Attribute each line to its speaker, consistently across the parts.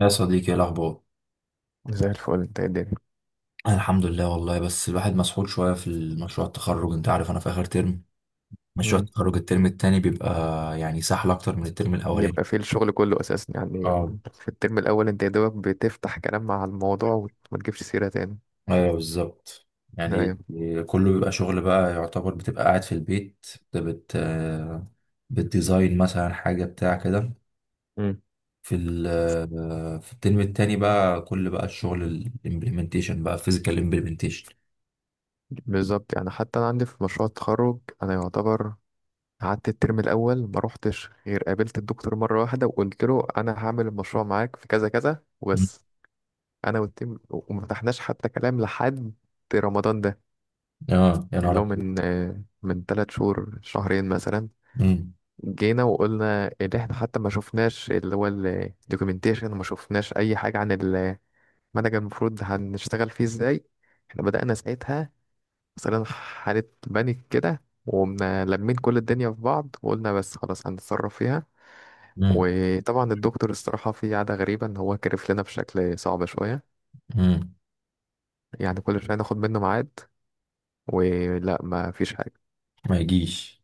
Speaker 1: يا صديقي، ايه الاخبار؟
Speaker 2: زي الفل، انت يا الدنيا.
Speaker 1: أنا الحمد لله والله، بس الواحد مسحول شويه في المشروع التخرج. انت عارف انا في اخر ترم. مشروع
Speaker 2: مم.
Speaker 1: التخرج الترم التاني بيبقى يعني سهل اكتر من الترم الاولاني.
Speaker 2: يبقى في الشغل كله اساسا يعني.
Speaker 1: اه،
Speaker 2: في الترم الاول انت يا دوبك بتفتح كلام مع الموضوع وت- وما تجيبش سيره تاني.
Speaker 1: ايوه بالظبط. يعني
Speaker 2: ايوه.
Speaker 1: كله بيبقى شغل بقى، يعتبر بتبقى قاعد في البيت، بت بت- بتديزاين مثلا حاجه بتاع كده.
Speaker 2: مم.
Speaker 1: في الترم التاني بقى كل بقى الشغل الامبلمنتيشن بقى، فيزيكال امبلمنتيشن.
Speaker 2: بالظبط، يعني حتى انا عندي في مشروع التخرج، انا يعتبر قعدت الترم الاول ما روحتش غير قابلت الدكتور مره واحده وقلت له انا هعمل المشروع معاك في كذا كذا وبس. انا والتيم وما فتحناش حتى كلام لحد رمضان ده.
Speaker 1: اه يا
Speaker 2: يعني
Speaker 1: نهار
Speaker 2: اللي هو
Speaker 1: أبيض.
Speaker 2: من من ثلاث شهور، شهرين مثلا،
Speaker 1: مم.
Speaker 2: جينا وقلنا اللي احنا حتى ما شفناش اللي هو الدوكيومنتيشن وما شفناش اي حاجة عن المنهج المفروض هنشتغل فيه ازاي. احنا بدأنا ساعتها مثلا حالة بانيك كده وقمنا لمين كل الدنيا في بعض وقلنا بس خلاص هنتصرف فيها.
Speaker 1: مم.
Speaker 2: وطبعا الدكتور الصراحة في عادة غريبة ان هو كرف لنا بشكل صعب شوية.
Speaker 1: مم.
Speaker 2: يعني كل شوية ناخد منه ميعاد ولا ما فيش حاجة.
Speaker 1: ما يجيش.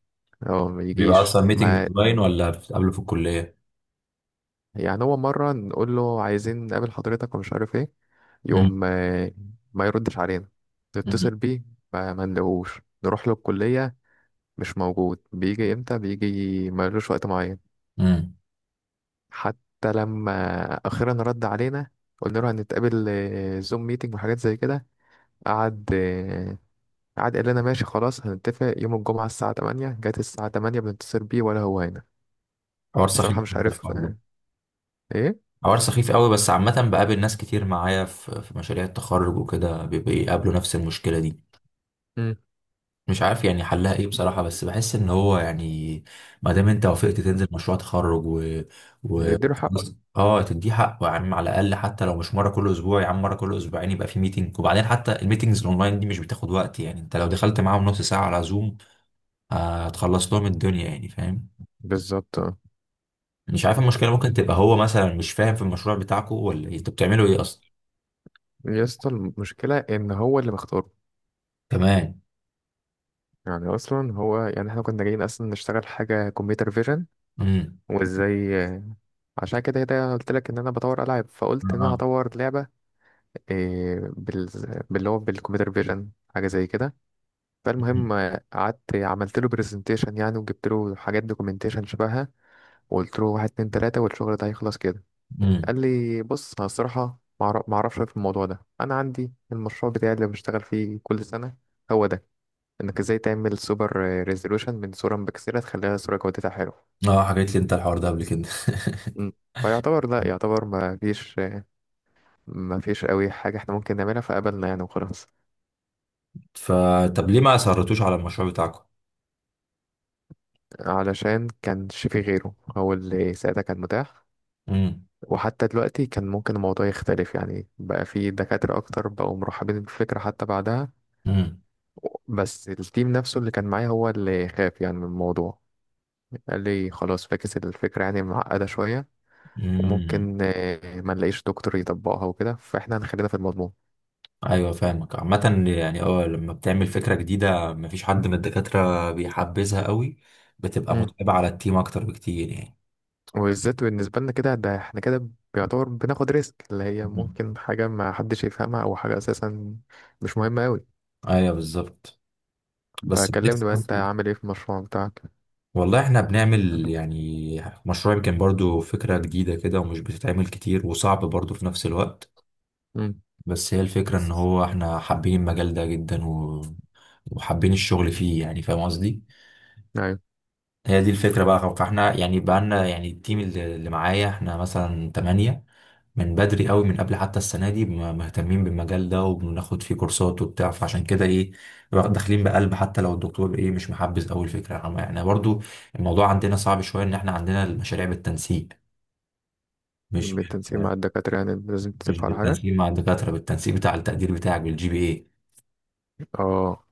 Speaker 2: هو ما
Speaker 1: بيبقى
Speaker 2: يجيش
Speaker 1: اصلا ميتنج
Speaker 2: ما.
Speaker 1: اونلاين ولا بتتقابلوا في الكليه؟
Speaker 2: يعني هو مرة نقول له عايزين نقابل حضرتك ومش عارف ايه،
Speaker 1: امم.
Speaker 2: يقوم ما يردش علينا. نتصل
Speaker 1: امم.
Speaker 2: بيه ما نلاقوش، نروح له الكلية مش موجود، بيجي امتى بيجي، ملوش وقت معين.
Speaker 1: أمم.
Speaker 2: حتى لما أخيرا رد علينا، قلنا له هنتقابل زوم ميتنج وحاجات زي كده. قعد آه، قعد قال لنا ماشي خلاص، هنتفق يوم الجمعة الساعة 8. جت الساعة 8 بنتصل بيه ولا هو هنا.
Speaker 1: حوار سخيف
Speaker 2: بصراحة مش
Speaker 1: جداً
Speaker 2: عارف
Speaker 1: الحوار ده.
Speaker 2: ايه.
Speaker 1: حوار سخيف قوي، بس عامه بقابل ناس كتير معايا في مشاريع التخرج وكده بيقابلوا نفس المشكله دي.
Speaker 2: مم.
Speaker 1: مش عارف يعني حلها ايه بصراحه، بس بحس ان هو يعني ما دام انت وافقت
Speaker 2: مم.
Speaker 1: تنزل مشروع تخرج و
Speaker 2: نديله حقه.
Speaker 1: خلاص، اه تديه حقه يا عم. على الاقل حتى لو مش مره كل اسبوع يا عم، مره كل اسبوعين يبقى في ميتنج. وبعدين حتى الميتنجز الاونلاين دي مش بتاخد وقت يعني، انت لو دخلت معاهم نص ساعه على زوم هتخلص لهم الدنيا يعني، فاهم؟
Speaker 2: بالظبط.
Speaker 1: مش عارف، المشكلة ممكن تبقى هو مثلا مش فاهم في المشروع بتاعكو ولا إيه؟ انتوا بتعملوا ايه اصلا؟
Speaker 2: يا اسطى، المشكلة إن هو اللي مختاره.
Speaker 1: كمان.
Speaker 2: يعني أصلا هو يعني إحنا كنا جايين أصلا نشتغل حاجة كمبيوتر فيجن،
Speaker 1: امم.
Speaker 2: وإزاي، عشان كده كده قلت لك إن أنا بطور ألعاب، فقلت إن
Speaker 1: اه.
Speaker 2: أنا هطور لعبة، إيه، بال... باللي هو بالكمبيوتر فيجن حاجة زي كده. فالمهم قعدت عملت له برزنتيشن يعني، وجبت له حاجات دوكيومنتيشن شبهها، وقلت له واحد اتنين تلاتة والشغل ده هيخلص كده.
Speaker 1: امم.
Speaker 2: قال لي بص، أنا الصراحة معرفش في الموضوع ده، أنا عندي المشروع بتاعي اللي بشتغل فيه كل سنة هو ده، انك ازاي تعمل سوبر ريزولوشن من صورة مبكسلة تخليها صورة جودتها حلو.
Speaker 1: اه حكيت لي انت الحوار ده قبل كده.
Speaker 2: مم. فيعتبر لا يعتبر ما فيش قوي حاجة احنا ممكن نعملها، فقبلنا يعني وخلاص.
Speaker 1: فطب ليه ما اصرتوش على المشروع بتاعكم؟
Speaker 2: علشان كانش في غيره، هو اللي ساعتها كان متاح.
Speaker 1: امم.
Speaker 2: وحتى دلوقتي كان ممكن الموضوع يختلف يعني، بقى في دكاترة أكتر بقوا مرحبين بالفكرة حتى بعدها.
Speaker 1: امم.
Speaker 2: بس التيم نفسه اللي كان معايا هو اللي خاف يعني من الموضوع. قال لي خلاص فاكس الفكرة، يعني معقدة شوية
Speaker 1: امم.
Speaker 2: وممكن ما نلاقيش دكتور يطبقها وكده، فاحنا هنخلينا في المضمون.
Speaker 1: ايوه فاهمك. عامه يعني اه، لما بتعمل فكره جديده مفيش حد من الدكاتره بيحبذها قوي. بتبقى
Speaker 2: امم.
Speaker 1: متعبه على التيم اكتر بكتير يعني.
Speaker 2: وبالذات بالنسبة لنا كده، ده احنا كده بيعتبر بناخد ريسك، اللي هي
Speaker 1: مم.
Speaker 2: ممكن حاجة ما حدش يفهمها أو حاجة أساسا مش مهمة أوي.
Speaker 1: ايوه بالظبط. بس بحس
Speaker 2: فكلمني بقى، أنت
Speaker 1: برضه،
Speaker 2: عامل إيه في المشروع بتاعك؟
Speaker 1: والله احنا بنعمل يعني مشروع يمكن برضو فكرة جديدة كده ومش بتتعمل كتير وصعب برضو في نفس الوقت.
Speaker 2: امم.
Speaker 1: بس هي الفكرة ان هو احنا حابين المجال ده جدا، وحابين الشغل فيه يعني، فاهم قصدي؟
Speaker 2: أيوة.
Speaker 1: هي دي الفكرة بقى. فاحنا يعني بقالنا يعني التيم اللي معايا، احنا مثلا تمانية، من بدري قوي، من قبل حتى السنة دي مهتمين بالمجال ده وبناخد فيه كورسات وبتاع. فعشان كده ايه، داخلين بقلب. حتى لو الدكتور ايه مش محبذ قوي الفكرة، يعني احنا برضو. الموضوع عندنا صعب شوية ان احنا عندنا المشاريع بالتنسيق. مش بال...
Speaker 2: بالتنسيق مع الدكاترة يعني، لازم
Speaker 1: مش
Speaker 2: تتفق على حاجة.
Speaker 1: بالتنسيق مع الدكاترة، بالتنسيق بتاع التقدير بتاعك، بالجي بي اي.
Speaker 2: اه.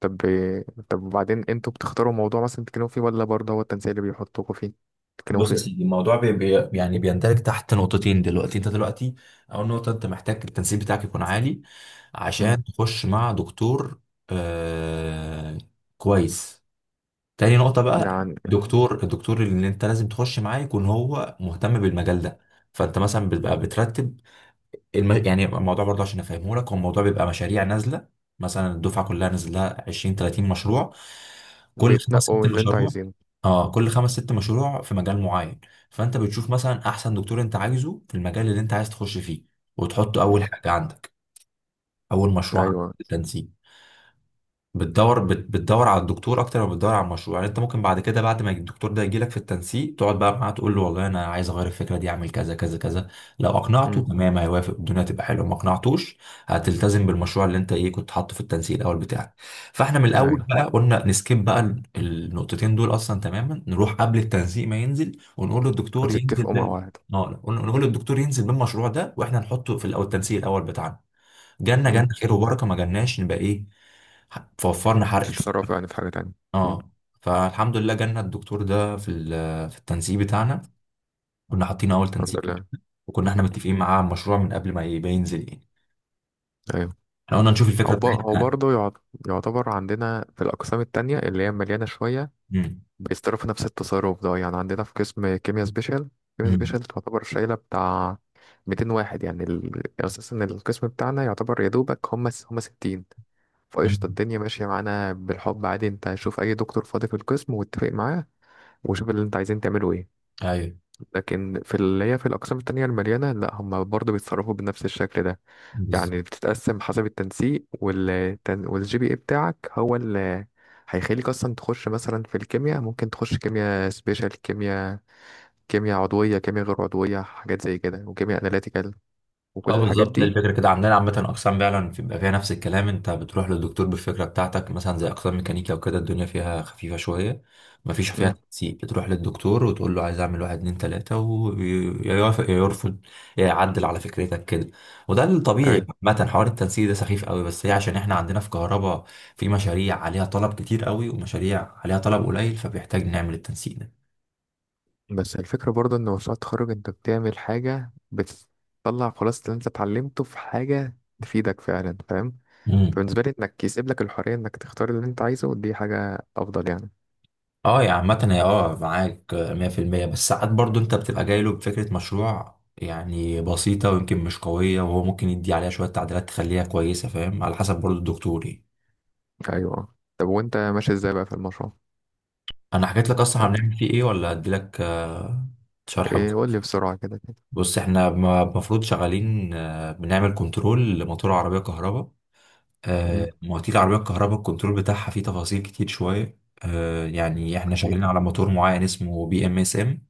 Speaker 2: طب وبعدين انتوا بتختاروا موضوع مثلا تتكلموا فيه، ولا برضه هو التنسيق اللي بيحطوكوا فيه تتكلموا
Speaker 1: بص يا
Speaker 2: فيه؟
Speaker 1: سيدي، الموضوع بي بي يعني بيندرج تحت نقطتين دلوقتي. انت دلوقتي اول نقطه انت محتاج التنسيق بتاعك يكون عالي
Speaker 2: امم.
Speaker 1: عشان تخش مع دكتور. آه، كويس. تاني نقطه بقى،
Speaker 2: يعني
Speaker 1: الدكتور اللي انت لازم تخش معاه يكون هو مهتم بالمجال ده. فانت مثلا بتبقى بترتب يعني الموضوع برضه عشان افهمه لك، هو الموضوع بيبقى مشاريع نازله، مثلا الدفعه كلها نازل لها 20 30 مشروع، كل خمس
Speaker 2: بيتنقوا
Speaker 1: ست
Speaker 2: من اللي انتوا
Speaker 1: مشروع.
Speaker 2: عايزينه.
Speaker 1: اه كل خمس ست مشروع في مجال معين، فانت بتشوف مثلا احسن دكتور انت عايزه في المجال اللي انت عايز تخش فيه وتحطه اول
Speaker 2: مم.
Speaker 1: حاجه عندك، اول مشروع عندك
Speaker 2: ايوه.
Speaker 1: في التنسيق. بتدور على الدكتور اكتر ما بتدور على المشروع. يعني انت ممكن بعد كده، بعد ما الدكتور ده يجيلك في التنسيق، تقعد بقى معاه تقول له والله انا عايز اغير الفكره دي، اعمل كذا كذا كذا. لو اقنعته
Speaker 2: مم.
Speaker 1: تمام هيوافق، الدنيا تبقى حلوه. ما اقنعتوش، هتلتزم بالمشروع اللي انت ايه كنت حاطه في التنسيق الاول بتاعك. فاحنا من الاول
Speaker 2: ايوه.
Speaker 1: بقى قلنا نسكيب بقى النقطتين دول اصلا تماما. نروح قبل التنسيق ما ينزل ونقول للدكتور ينزل
Speaker 2: بتتفقوا مع
Speaker 1: بال...
Speaker 2: بعض.
Speaker 1: آه، نقول للدكتور ينزل بالمشروع ده، واحنا نحطه في التنسيق الاول بتاعنا. جالنا
Speaker 2: مم.
Speaker 1: جالنا خير وبركه، ما جالناش نبقى ايه، فوفرنا حرق شوية.
Speaker 2: بتتصرفوا يعني في حاجه تانية. مم.
Speaker 1: اه فالحمد لله جالنا الدكتور ده في التنسيق بتاعنا، كنا حاطين اول
Speaker 2: الحمد
Speaker 1: تنسيق،
Speaker 2: لله.
Speaker 1: وكنا احنا
Speaker 2: مم.
Speaker 1: متفقين معاه على المشروع من قبل ما يبقى ينزل يعني.
Speaker 2: ايوه.
Speaker 1: احنا قلنا نشوف الفكره
Speaker 2: او
Speaker 1: بتاعتنا.
Speaker 2: برضه يعتبر عندنا في الاقسام التانية اللي هي مليانه شويه
Speaker 1: امم.
Speaker 2: بيتصرفوا نفس التصرف ده. يعني عندنا في قسم كيمياء سبيشال، كيمياء
Speaker 1: امم.
Speaker 2: سبيشال تعتبر شايله بتاع 200 واحد. يعني ال... اساسا القسم بتاعنا يعتبر يا دوبك هم 60. فقشطة،
Speaker 1: أمم.
Speaker 2: الدنيا ماشية معانا بالحب عادي. انت شوف اي دكتور فاضي في القسم واتفق معاه، وشوف اللي انت عايزين تعمله ايه.
Speaker 1: ايوه
Speaker 2: لكن في اللي هي في الأقسام التانية المليانة لا، هم برضه بيتصرفوا بنفس الشكل ده.
Speaker 1: بالظبط.
Speaker 2: يعني بتتقسم حسب التنسيق والجي بي اي بتاعك هو اللي هيخليك أصلا تخش. مثلا في الكيمياء ممكن تخش كيمياء سبيشال، كيمياء، كيمياء عضوية، كيمياء غير عضوية، حاجات زي كده، وكيمياء أناليتيكال
Speaker 1: اه
Speaker 2: وكل الحاجات
Speaker 1: بالظبط. هي
Speaker 2: دي.
Speaker 1: الفكره كده عندنا. عامه اقسام فعلا بيبقى فيها نفس الكلام، انت بتروح للدكتور بالفكره بتاعتك مثلا، زي اقسام ميكانيكا وكده الدنيا فيها خفيفه شويه، مفيش فيها
Speaker 2: امم.
Speaker 1: تنسيق. بتروح للدكتور وتقول له عايز اعمل واحد اتنين تلاته، ويوافق يا يرفض يا يعدل على فكرتك كده. وده الطبيعي.
Speaker 2: أيوة.
Speaker 1: عامه حوار التنسيق ده سخيف قوي، بس هي عشان احنا عندنا في كهرباء في مشاريع عليها طلب كتير قوي ومشاريع عليها طلب قليل، فبيحتاج نعمل التنسيق ده.
Speaker 2: بس الفكرة برضه إن مشروع التخرج أنت بتعمل حاجة بتطلع خلاص اللي أنت اتعلمته في حاجة تفيدك فعلا، فاهم؟
Speaker 1: مم.
Speaker 2: فبالنسبة لي انك يسيب لك الحرية انك تختار اللي انت عايزه، ودي حاجة افضل يعني.
Speaker 1: اه، يا عامة هي اه معاك مية في المية، بس ساعات برضو انت بتبقى جاي له بفكرة مشروع يعني بسيطة ويمكن مش قوية، وهو ممكن يدي عليها شوية تعديلات تخليها كويسة، فاهم؟ على حسب برضو الدكتور يعني.
Speaker 2: ايوه اه. طب وانت ماشي ازاي بقى في المشروع؟
Speaker 1: انا حكيت لك اصلا
Speaker 2: عندك
Speaker 1: هنعمل فيه ايه ولا اديلك شرح
Speaker 2: ايه؟
Speaker 1: بكرة؟
Speaker 2: قول لي بسرعة كده كده.
Speaker 1: بص، احنا المفروض شغالين بنعمل كنترول لموتور عربية كهرباء.
Speaker 2: امم.
Speaker 1: مواتير العربية الكهرباء، الكنترول بتاعها فيه تفاصيل كتير شوية. يعني احنا
Speaker 2: اكيد
Speaker 1: شغالين
Speaker 2: اه.
Speaker 1: على موتور معين اسمه بي ام اس ام.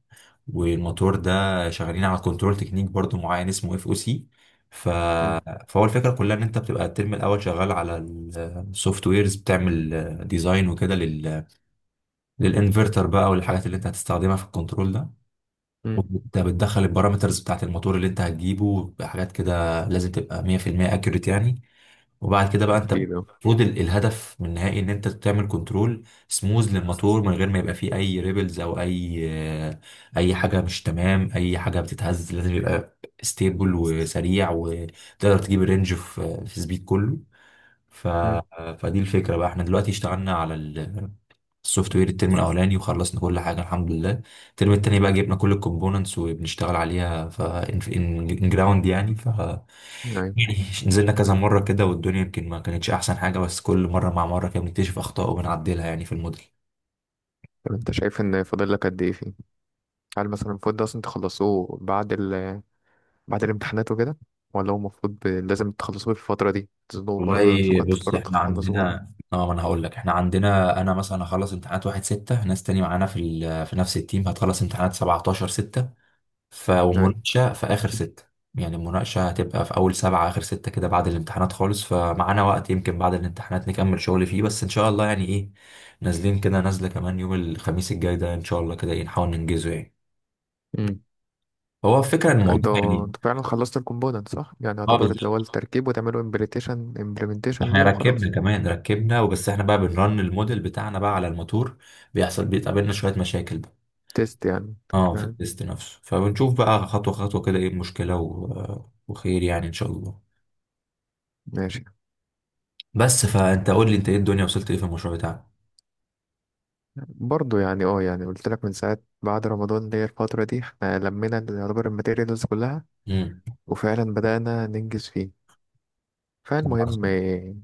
Speaker 1: والموتور ده شغالين على كنترول تكنيك برضو معين اسمه اف او سي. ف...
Speaker 2: امم.
Speaker 1: فهو الفكره كلها ان انت بتبقى الترم الاول شغال على السوفت ويرز، بتعمل ديزاين وكده للانفرتر بقى والحاجات اللي انت هتستخدمها في الكنترول ده.
Speaker 2: امم.
Speaker 1: بتدخل البارامترز بتاعت الموتور اللي انت هتجيبه، بحاجات كده لازم تبقى 100% اكيوريت يعني. وبعد كده بقى، انت
Speaker 2: اكيد اه.
Speaker 1: المفروض الهدف من النهائي ان انت تعمل كنترول سموز للموتور من غير ما يبقى فيه اي ريبلز او اي آه، اي حاجه مش تمام، اي حاجه بتتهز. لازم يبقى ستيبل وسريع وتقدر تجيب الرينج في سبيد كله. ف...
Speaker 2: امم.
Speaker 1: فدي الفكره بقى. احنا دلوقتي اشتغلنا على السوفت وير الترم الاولاني وخلصنا كل حاجه الحمد لله. الترم التاني بقى جبنا كل الكومبوننتس وبنشتغل عليها ف ان جراوند يعني.
Speaker 2: ايوه.
Speaker 1: يعني نزلنا كذا مرة كده والدنيا يمكن ما كانتش أحسن حاجة، بس كل مرة مع مرة كده بنكتشف أخطاء وبنعدلها يعني في الموديل.
Speaker 2: طب انت شايف ان فاضل لك قد ايه فيه؟ هل مثلا المفروض ده اصلا تخلصوه بعد بعد الامتحانات وكده، ولا هو المفروض لازم تخلصوه في الفترة دي؟ تظنوا برضه
Speaker 1: والله
Speaker 2: نفسكم
Speaker 1: بص،
Speaker 2: هتضطروا
Speaker 1: احنا
Speaker 2: تخلصوه ولا؟
Speaker 1: عندنا اه، ما انا هقول لك. احنا عندنا انا مثلا هخلص امتحانات واحد ستة، ناس تاني معانا في نفس التيم هتخلص امتحانات 17 ستة. ف ومناقشة في اخر ستة يعني. المناقشة هتبقى في اول سبعة اخر ستة كده، بعد الامتحانات خالص. فمعانا وقت يمكن بعد الامتحانات نكمل شغل فيه، بس ان شاء الله يعني ايه، نازلين كده. نازلة كمان يوم الخميس الجاي ده ان شاء الله كده، ايه، نحاول ننجزه يعني.
Speaker 2: ايوه.
Speaker 1: هو فكرة الموضوع
Speaker 2: انتوا
Speaker 1: يعني.
Speaker 2: انتوا فعلا خلصتوا الكومبوننت صح؟ يعني
Speaker 1: اه
Speaker 2: يعتبر اللي هو
Speaker 1: بالظبط.
Speaker 2: التركيب، وتعملوا امبليتيشن امبلمنتيشن
Speaker 1: احنا
Speaker 2: ليه
Speaker 1: ركبنا.
Speaker 2: وخلاص.
Speaker 1: كمان ركبنا وبس. احنا بقى بنرن الموديل بتاعنا بقى على الموتور. بيحصل بيتقابلنا شوية مشاكل بقى.
Speaker 2: تيست يعني.
Speaker 1: اه في
Speaker 2: تمام.
Speaker 1: التيست نفسه. فبنشوف بقى خطوة خطوة كده ايه المشكلة، وخير يعني ان شاء الله.
Speaker 2: ماشي.
Speaker 1: بس فانت قول لي انت ايه، الدنيا وصلت ايه في المشروع بتاعك؟
Speaker 2: برضو يعني اه، يعني قلت لك من ساعة بعد رمضان اللي هي الفترة دي احنا لمينا اللي يعتبر الماتيريالز كلها
Speaker 1: امم.
Speaker 2: وفعلا بدأنا ننجز فيه. فالمهم
Speaker 1: عظيم.
Speaker 2: ايه؟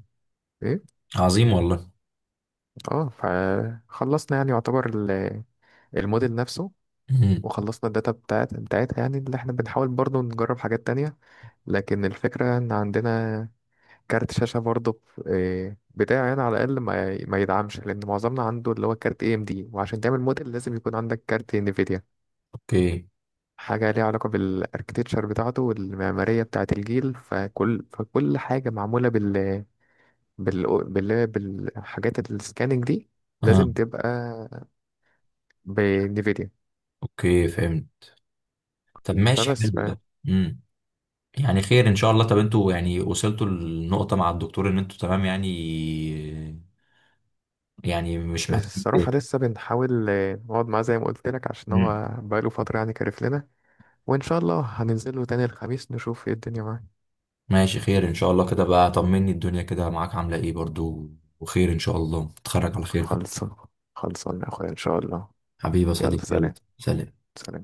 Speaker 2: إيه؟
Speaker 1: عظيم والله.
Speaker 2: اه، فخلصنا يعني يعتبر الموديل نفسه،
Speaker 1: امم.
Speaker 2: وخلصنا الداتا بتاعتها يعني، اللي احنا بنحاول برضو نجرب حاجات تانية. لكن الفكرة ان عندنا كارت شاشة برضه، ب- إيه، بتاعي أنا على الأقل ما يدعمش، لأن معظمنا عنده اللي هو كارت اي ام دي، وعشان تعمل موديل لازم يكون عندك كارت انفيديا.
Speaker 1: اوكي.
Speaker 2: حاجة ليها علاقة بالاركتكتشر بتاعته والمعمارية بتاعة الجيل، فكل حاجة معمولة بالحاجات السكاننج دي
Speaker 1: اه،
Speaker 2: لازم تبقى بانفيديا.
Speaker 1: اوكي فهمت. طب ماشي
Speaker 2: فبس
Speaker 1: حلو
Speaker 2: ف-
Speaker 1: ده. امم. يعني خير ان شاء الله. طب انتوا يعني وصلتوا للنقطة مع الدكتور ان انتوا تمام يعني؟ يعني مش محتاج.
Speaker 2: الصراحة لسه بنحاول نقعد معاه زي ما قلت لك عشان
Speaker 1: مم.
Speaker 2: هو بقاله فترة يعني كارف لنا. وإن شاء الله هننزله تاني الخميس نشوف ايه الدنيا معاه.
Speaker 1: ماشي خير ان شاء الله كده بقى. طمني الدنيا كده معاك عامله ايه برضو، وخير ان شاء الله تتخرج على خير كده.
Speaker 2: خلصان، خلصان يا أخويا إن شاء الله.
Speaker 1: حبيبي يا
Speaker 2: يلا
Speaker 1: صديقي، يلا
Speaker 2: سلام.
Speaker 1: سلام.
Speaker 2: سلام.